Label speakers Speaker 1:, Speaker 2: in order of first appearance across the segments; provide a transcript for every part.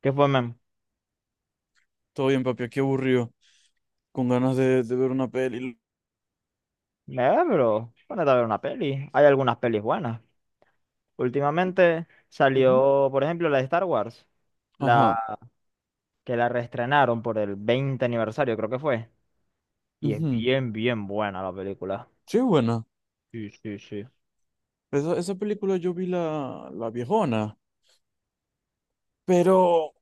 Speaker 1: ¿Qué fue, men?
Speaker 2: Todo bien, papi, qué aburrido. Con ganas de ver una peli.
Speaker 1: Pero ponete a ver una peli. Hay algunas pelis buenas. Últimamente
Speaker 2: Ujú.
Speaker 1: salió, por ejemplo, la de Star Wars, la
Speaker 2: Ajá.
Speaker 1: que la reestrenaron por el 20 aniversario, creo que fue. Y es
Speaker 2: Ujú.
Speaker 1: bien, bien buena la película.
Speaker 2: Sí, buena.
Speaker 1: Sí, sí, sí.
Speaker 2: Esa película yo vi la viejona, pero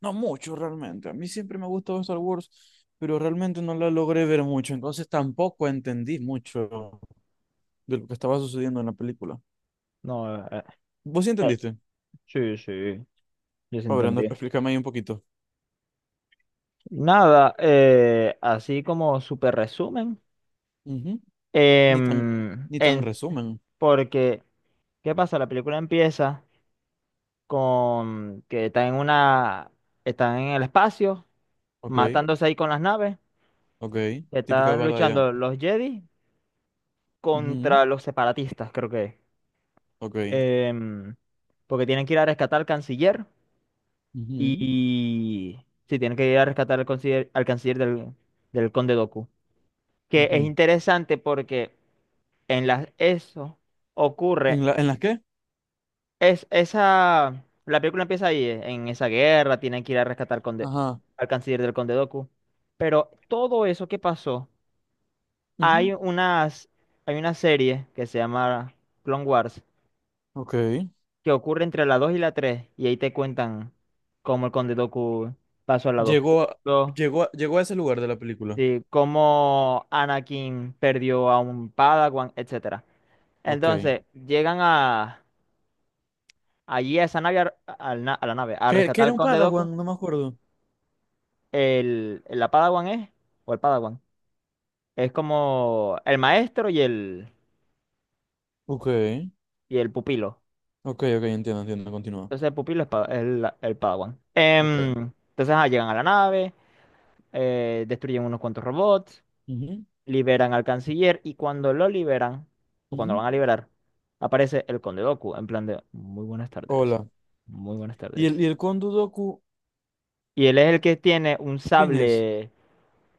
Speaker 2: no mucho realmente. A mí siempre me ha gustado Star Wars, pero realmente no la logré ver mucho. Entonces tampoco entendí mucho de lo que estaba sucediendo en la película.
Speaker 1: No,
Speaker 2: ¿Vos sí
Speaker 1: eh,
Speaker 2: entendiste?
Speaker 1: sí, sí, yo sí
Speaker 2: Fabriano,
Speaker 1: entendí.
Speaker 2: explícame ahí un poquito.
Speaker 1: Nada, así como súper resumen.
Speaker 2: Ujú. Ni tan,
Speaker 1: em,
Speaker 2: ni tan
Speaker 1: en-
Speaker 2: resumen.
Speaker 1: Porque, ¿qué pasa? La película empieza con que están en el espacio,
Speaker 2: Ok,
Speaker 1: matándose ahí con las naves.
Speaker 2: ok. Típica
Speaker 1: Están
Speaker 2: batalla.
Speaker 1: luchando los Jedi
Speaker 2: Ujú.
Speaker 1: contra los separatistas, creo que es.
Speaker 2: Ok.
Speaker 1: Em, Porque tienen que ir a rescatar al canciller.
Speaker 2: Ujú,
Speaker 1: Y sí, tienen que ir a rescatar al canciller, del Conde Doku, que es
Speaker 2: ujú.
Speaker 1: interesante porque en las eso ocurre.
Speaker 2: ¿En la, en las qué?
Speaker 1: La película empieza ahí, en esa guerra. Tienen que ir a rescatar
Speaker 2: Ajá.
Speaker 1: al canciller del Conde Doku. Pero todo eso que pasó,
Speaker 2: Ujú.
Speaker 1: hay unas, hay una serie que se llama Clone Wars,
Speaker 2: Ok.
Speaker 1: que ocurre entre la 2 y la tres, y ahí te cuentan cómo el Conde Doku pasó al lado
Speaker 2: Llegó a,
Speaker 1: oscuro,
Speaker 2: llegó a ese lugar de la película.
Speaker 1: sí, cómo Anakin perdió a un Padawan, etcétera.
Speaker 2: Ok.
Speaker 1: Entonces, allí a esa nave, a la nave, a
Speaker 2: ¿Qué, qué
Speaker 1: rescatar
Speaker 2: era
Speaker 1: al
Speaker 2: un
Speaker 1: Conde Doku.
Speaker 2: Padawan? No me acuerdo.
Speaker 1: El, la Padawan es, o el Padawan, es como el maestro y el,
Speaker 2: Ok,
Speaker 1: y el pupilo.
Speaker 2: ok, ok, entiendo, entiendo, continúa.
Speaker 1: Entonces el pupilo es el Padawan.
Speaker 2: Ok.
Speaker 1: Entonces, llegan a la nave, destruyen unos cuantos robots,
Speaker 2: Ujú,
Speaker 1: liberan al canciller. Y cuando lo liberan, o cuando lo
Speaker 2: ujú.
Speaker 1: van a liberar, aparece el Conde Doku en plan de, muy buenas tardes,
Speaker 2: Hola.
Speaker 1: muy buenas tardes.
Speaker 2: Y el Kondudoku,
Speaker 1: Y él es el que tiene un
Speaker 2: quién es?
Speaker 1: sable...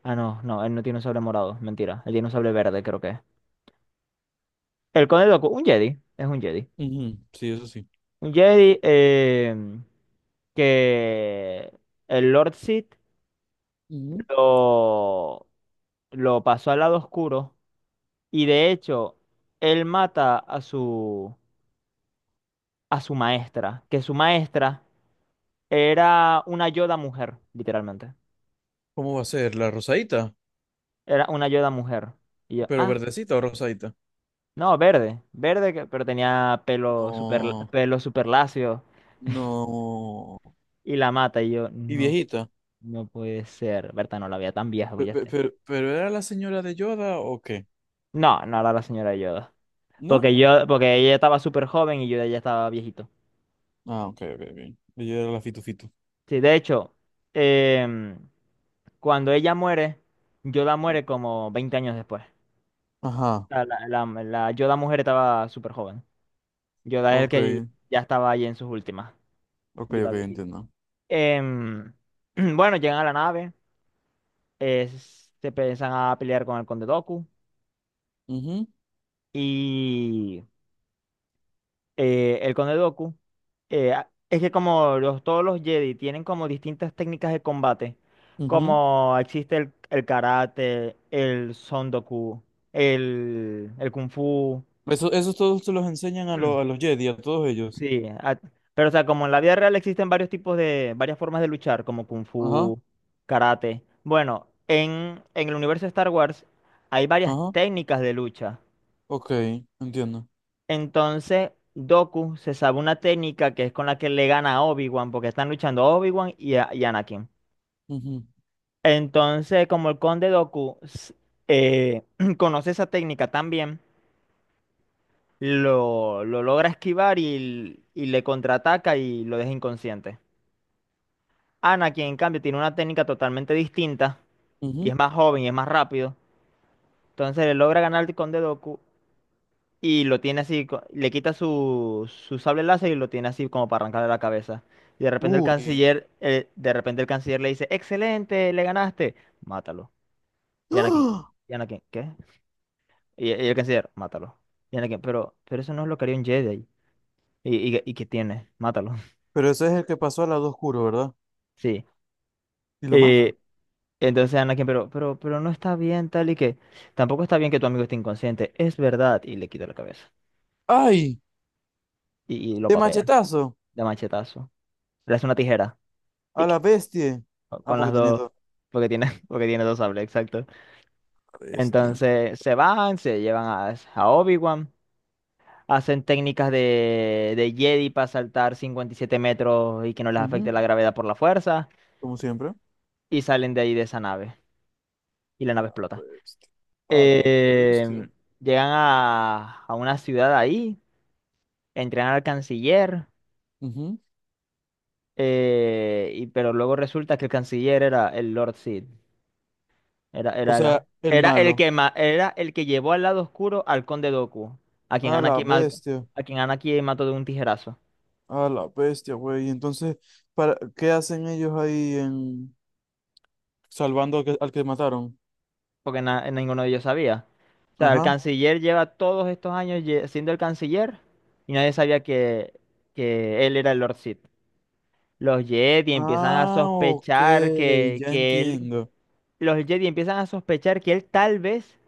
Speaker 1: Ah, no, no, él no tiene un sable morado, mentira. Él tiene un sable verde, creo que es. El Conde Doku, un Jedi, es un Jedi.
Speaker 2: Ujú. Sí, eso sí.
Speaker 1: Un Jedi que el Lord Sith
Speaker 2: Ujú.
Speaker 1: lo, lo pasó al lado oscuro, y de hecho él mata a su maestra, que su maestra era una Yoda mujer, literalmente.
Speaker 2: ¿Cómo va a ser? ¿La rosadita?
Speaker 1: Era una Yoda mujer. Y yo,
Speaker 2: ¿Pero verdecita o rosadita?
Speaker 1: no, verde, verde, pero tenía
Speaker 2: No,
Speaker 1: pelo super lacio,
Speaker 2: no.
Speaker 1: y la mata y yo,
Speaker 2: ¿Y
Speaker 1: no,
Speaker 2: viejita?
Speaker 1: no puede ser. Berta no la veía tan vieja, oye.
Speaker 2: Pero, ¿pero era la señora de Yoda o qué?
Speaker 1: No, no era la señora Yoda.
Speaker 2: ¿No?
Speaker 1: Porque ella estaba súper joven y yo ya estaba viejito.
Speaker 2: Ah, ok, ok, ok. Ella era la fitufitu.
Speaker 1: Sí, de hecho, em, cuando ella muere, Yoda muere como 20 años después.
Speaker 2: Ajá,
Speaker 1: La Yoda mujer estaba súper joven. Yoda es el
Speaker 2: ok,
Speaker 1: que ya estaba ahí en sus últimas.
Speaker 2: ok,
Speaker 1: Yoda
Speaker 2: ok,
Speaker 1: viejito.
Speaker 2: entiendo.
Speaker 1: Em, bueno, llegan a la nave, se empiezan a pelear con el Conde Doku.
Speaker 2: Ujú,
Speaker 1: Y el Conde Dooku, es que como todos los Jedi tienen como distintas técnicas de combate,
Speaker 2: ujú.
Speaker 1: como existe el karate, el Son el Kung Fu.
Speaker 2: Eso, esos todos se los enseñan a,
Speaker 1: Mm.
Speaker 2: lo- a los Jedi, a todos ellos.
Speaker 1: Sí, pero o sea, como en la vida real existen varias formas de luchar, como Kung
Speaker 2: Ajá,
Speaker 1: Fu, karate. Bueno, en el universo de Star Wars hay varias
Speaker 2: ajá,
Speaker 1: técnicas de lucha.
Speaker 2: ok, entiendo.
Speaker 1: Entonces, Doku se sabe una técnica que es con la que le gana a Obi-Wan, porque están luchando Obi-Wan y Anakin.
Speaker 2: Ujú,
Speaker 1: Entonces, como el conde Doku eh, conoce esa técnica también, lo logra esquivar, y le contraataca y lo deja inconsciente. Anakin, en cambio, tiene una técnica totalmente distinta, y
Speaker 2: ujú.
Speaker 1: es más joven y es más rápido. Entonces, le logra ganar al conde Doku y lo tiene así, le quita su sable láser, y lo tiene así como para arrancarle la cabeza. Y de repente el
Speaker 2: Uy.
Speaker 1: canciller, eh, de repente el canciller le dice, excelente, le ganaste, mátalo. Y Anakin,
Speaker 2: ¡Ah!
Speaker 1: y Anakin, ¿qué? Y el canciller, mátalo. Y Anakin, pero eso no es lo que haría un Jedi. ¿Y qué tiene? Mátalo.
Speaker 2: Pero ese es el que pasó al lado oscuro, ¿verdad?
Speaker 1: Sí.
Speaker 2: Y lo mata.
Speaker 1: Eh, entonces Anakin, pero no está bien, tal y que, tampoco está bien que tu amigo esté inconsciente, es verdad. Y le quita la cabeza.
Speaker 2: ¡Ay!
Speaker 1: Y lo
Speaker 2: De
Speaker 1: papea,
Speaker 2: machetazo.
Speaker 1: de machetazo. Le hace una tijera.
Speaker 2: A
Speaker 1: Tic.
Speaker 2: la bestia. Ah,
Speaker 1: Con las
Speaker 2: porque tiene
Speaker 1: dos,
Speaker 2: dos.
Speaker 1: porque tiene dos sables, exacto.
Speaker 2: La bestia.
Speaker 1: Entonces se van, se llevan a, Obi-Wan, hacen técnicas de Jedi para saltar 57 metros y que no les afecte
Speaker 2: Ujú.
Speaker 1: la gravedad por la fuerza,
Speaker 2: Como siempre.
Speaker 1: y salen de ahí de esa nave, y la nave explota.
Speaker 2: Bestia. A la
Speaker 1: Eh,
Speaker 2: bestia.
Speaker 1: Llegan a una ciudad ahí, entrenan al canciller.
Speaker 2: Ujú.
Speaker 1: Pero luego resulta que el canciller era el Lord Sid. Era,
Speaker 2: O
Speaker 1: era, la-
Speaker 2: sea, el
Speaker 1: era el
Speaker 2: malo.
Speaker 1: que era el que llevó al lado oscuro al conde Doku, a quien
Speaker 2: A la
Speaker 1: Anakin,
Speaker 2: bestia,
Speaker 1: mató de un tijerazo,
Speaker 2: a la bestia, güey. Y entonces, para, ¿qué hacen ellos ahí en salvando al que mataron?
Speaker 1: porque ninguno de ellos sabía. O sea, el
Speaker 2: Ajá.
Speaker 1: canciller lleva todos estos años siendo el canciller, y nadie sabía que él era el Lord Sith. Los Jedi empiezan a
Speaker 2: Ah, ok,
Speaker 1: sospechar
Speaker 2: ya
Speaker 1: que él,
Speaker 2: entiendo.
Speaker 1: los Jedi empiezan a sospechar que él tal vez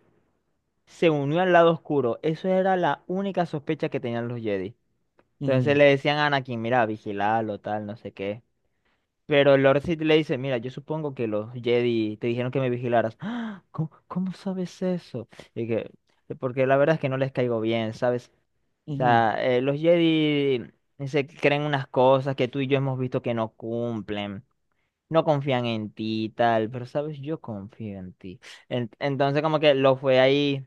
Speaker 1: se unió al lado oscuro. Eso era la única sospecha que tenían los Jedi. Entonces
Speaker 2: Ujú,
Speaker 1: le decían a Anakin, mira, vigilalo, tal, no sé qué. Pero Lord Sith le dice, mira, yo supongo que los Jedi te dijeron que me vigilaras. "Ah, ¿Cómo sabes eso? Y que, porque la verdad es que no les caigo bien, ¿sabes? O
Speaker 2: ujú,
Speaker 1: sea, los Jedi se creen unas cosas que tú y yo hemos visto que no cumplen. No confían en ti y tal, pero sabes, yo confío en ti. Entonces como que lo fue ahí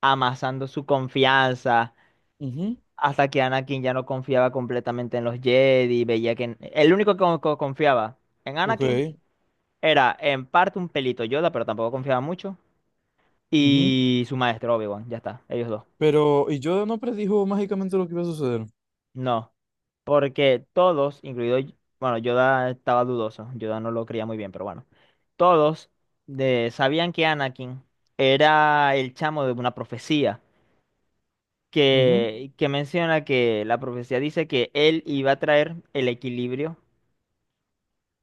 Speaker 1: amasando su confianza,
Speaker 2: ujú.
Speaker 1: hasta que Anakin ya no confiaba completamente en los Jedi, veía que el único que confiaba en
Speaker 2: Ok,
Speaker 1: Anakin era en parte un pelito Yoda, pero tampoco confiaba mucho,
Speaker 2: ujú.
Speaker 1: y su maestro Obi-Wan, ya está, ellos dos.
Speaker 2: Pero, y yo no predijo mágicamente lo que iba a suceder.
Speaker 1: No, porque todos, incluido, bueno, Yoda estaba dudoso, Yoda no lo creía muy bien, pero bueno, todos sabían que Anakin era el chamo de una profecía.
Speaker 2: Ujú.
Speaker 1: Que menciona que la profecía dice que él iba a traer el equilibrio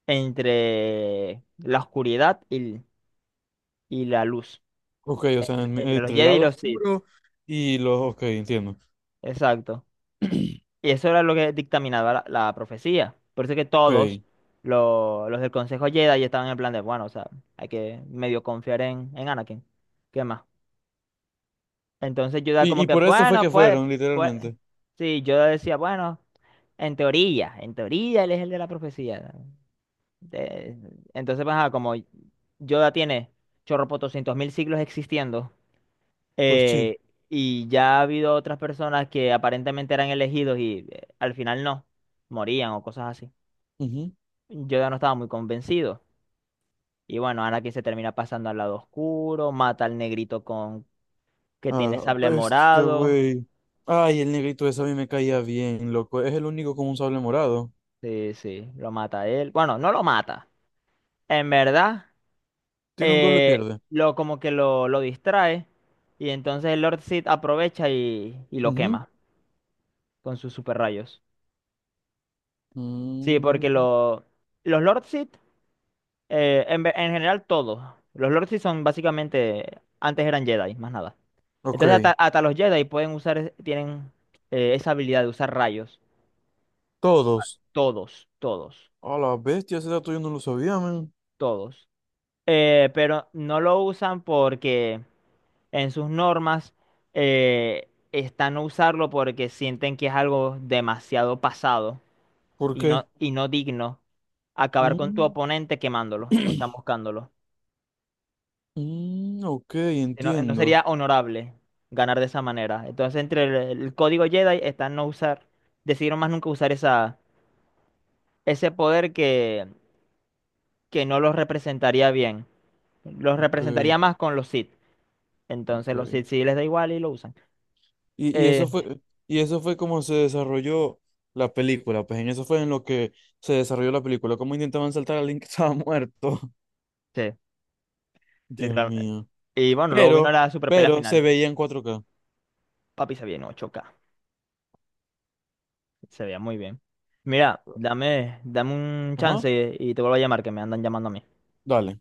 Speaker 1: entre la oscuridad y la luz,
Speaker 2: Ok, o sea,
Speaker 1: entre los
Speaker 2: entre el
Speaker 1: Jedi y
Speaker 2: lado
Speaker 1: los Sith,
Speaker 2: oscuro y los. Ok, entiendo.
Speaker 1: exacto. Y eso era lo que dictaminaba la profecía. Por eso que
Speaker 2: Ok.
Speaker 1: todos
Speaker 2: Y,
Speaker 1: los del Consejo Jedi estaban en plan de, bueno, o sea, hay que medio confiar en Anakin. ¿Qué más? Entonces Yoda como
Speaker 2: y
Speaker 1: que,
Speaker 2: por eso fue
Speaker 1: bueno,
Speaker 2: que
Speaker 1: pues,
Speaker 2: fueron,
Speaker 1: pues,
Speaker 2: literalmente.
Speaker 1: sí, Yoda decía, bueno, en teoría él es el de la profecía. De- entonces, pues, ajá, como Yoda tiene chorropotoscientos mil siglos existiendo.
Speaker 2: Pues sí.
Speaker 1: Eh, y ya ha habido otras personas que aparentemente eran elegidos, y al final no, morían o cosas así.
Speaker 2: Ujú.
Speaker 1: Yo ya no estaba muy convencido. Y bueno, Anakin se termina pasando al lado oscuro, mata al negrito con que
Speaker 2: A
Speaker 1: tiene
Speaker 2: la
Speaker 1: sable
Speaker 2: bestia,
Speaker 1: morado.
Speaker 2: güey. Ay, el negrito ese a mí me caía bien, loco. Es el único con un sable morado.
Speaker 1: Sí, sí, lo mata a él. Bueno, no lo mata. En verdad,
Speaker 2: Tiene un duelo y pierde.
Speaker 1: lo como que lo distrae. Y entonces el Lord Sith aprovecha y lo
Speaker 2: Ujú.
Speaker 1: quema con sus super rayos. Sí,
Speaker 2: Mm.
Speaker 1: porque los Lord Sith, en general todos. Los Lords sí son básicamente, antes eran Jedi, más nada. Entonces
Speaker 2: Ok,
Speaker 1: hasta, los Jedi pueden usar, tienen esa habilidad de usar rayos.
Speaker 2: todos.
Speaker 1: Todos, todos,
Speaker 2: A la bestia, ese dato yo no lo sabía, man.
Speaker 1: todos. Pero no lo usan porque en sus normas está no usarlo, porque sienten que es algo demasiado pasado,
Speaker 2: ¿Por qué?
Speaker 1: y no, digno, acabar con tu
Speaker 2: Mm,
Speaker 1: oponente quemándolo o chamuscándolo.
Speaker 2: mm, ok,
Speaker 1: Si no
Speaker 2: entiendo.
Speaker 1: sería honorable ganar de esa manera. Entonces, entre el código Jedi está no usar, decidieron más nunca usar ese poder, que no los representaría bien. Los
Speaker 2: Ok,
Speaker 1: representaría más con los Sith. Entonces, los
Speaker 2: ok.
Speaker 1: Sith sí les da igual y lo usan.
Speaker 2: Y, y
Speaker 1: Eh,
Speaker 2: eso fue, y eso fue como se desarrolló la película, pues en eso fue en lo que se desarrolló la película. Cómo intentaban saltar a alguien que estaba muerto.
Speaker 1: sí,
Speaker 2: Dios
Speaker 1: literalmente.
Speaker 2: mío.
Speaker 1: Y bueno, luego vino
Speaker 2: Pero,
Speaker 1: la super pelea
Speaker 2: pero se
Speaker 1: final.
Speaker 2: veía en 4K.
Speaker 1: Papi se veía en 8K. Se veía muy bien. Mira, dame un
Speaker 2: Ajá,
Speaker 1: chance y te vuelvo a llamar, que me andan llamando a mí.
Speaker 2: dale.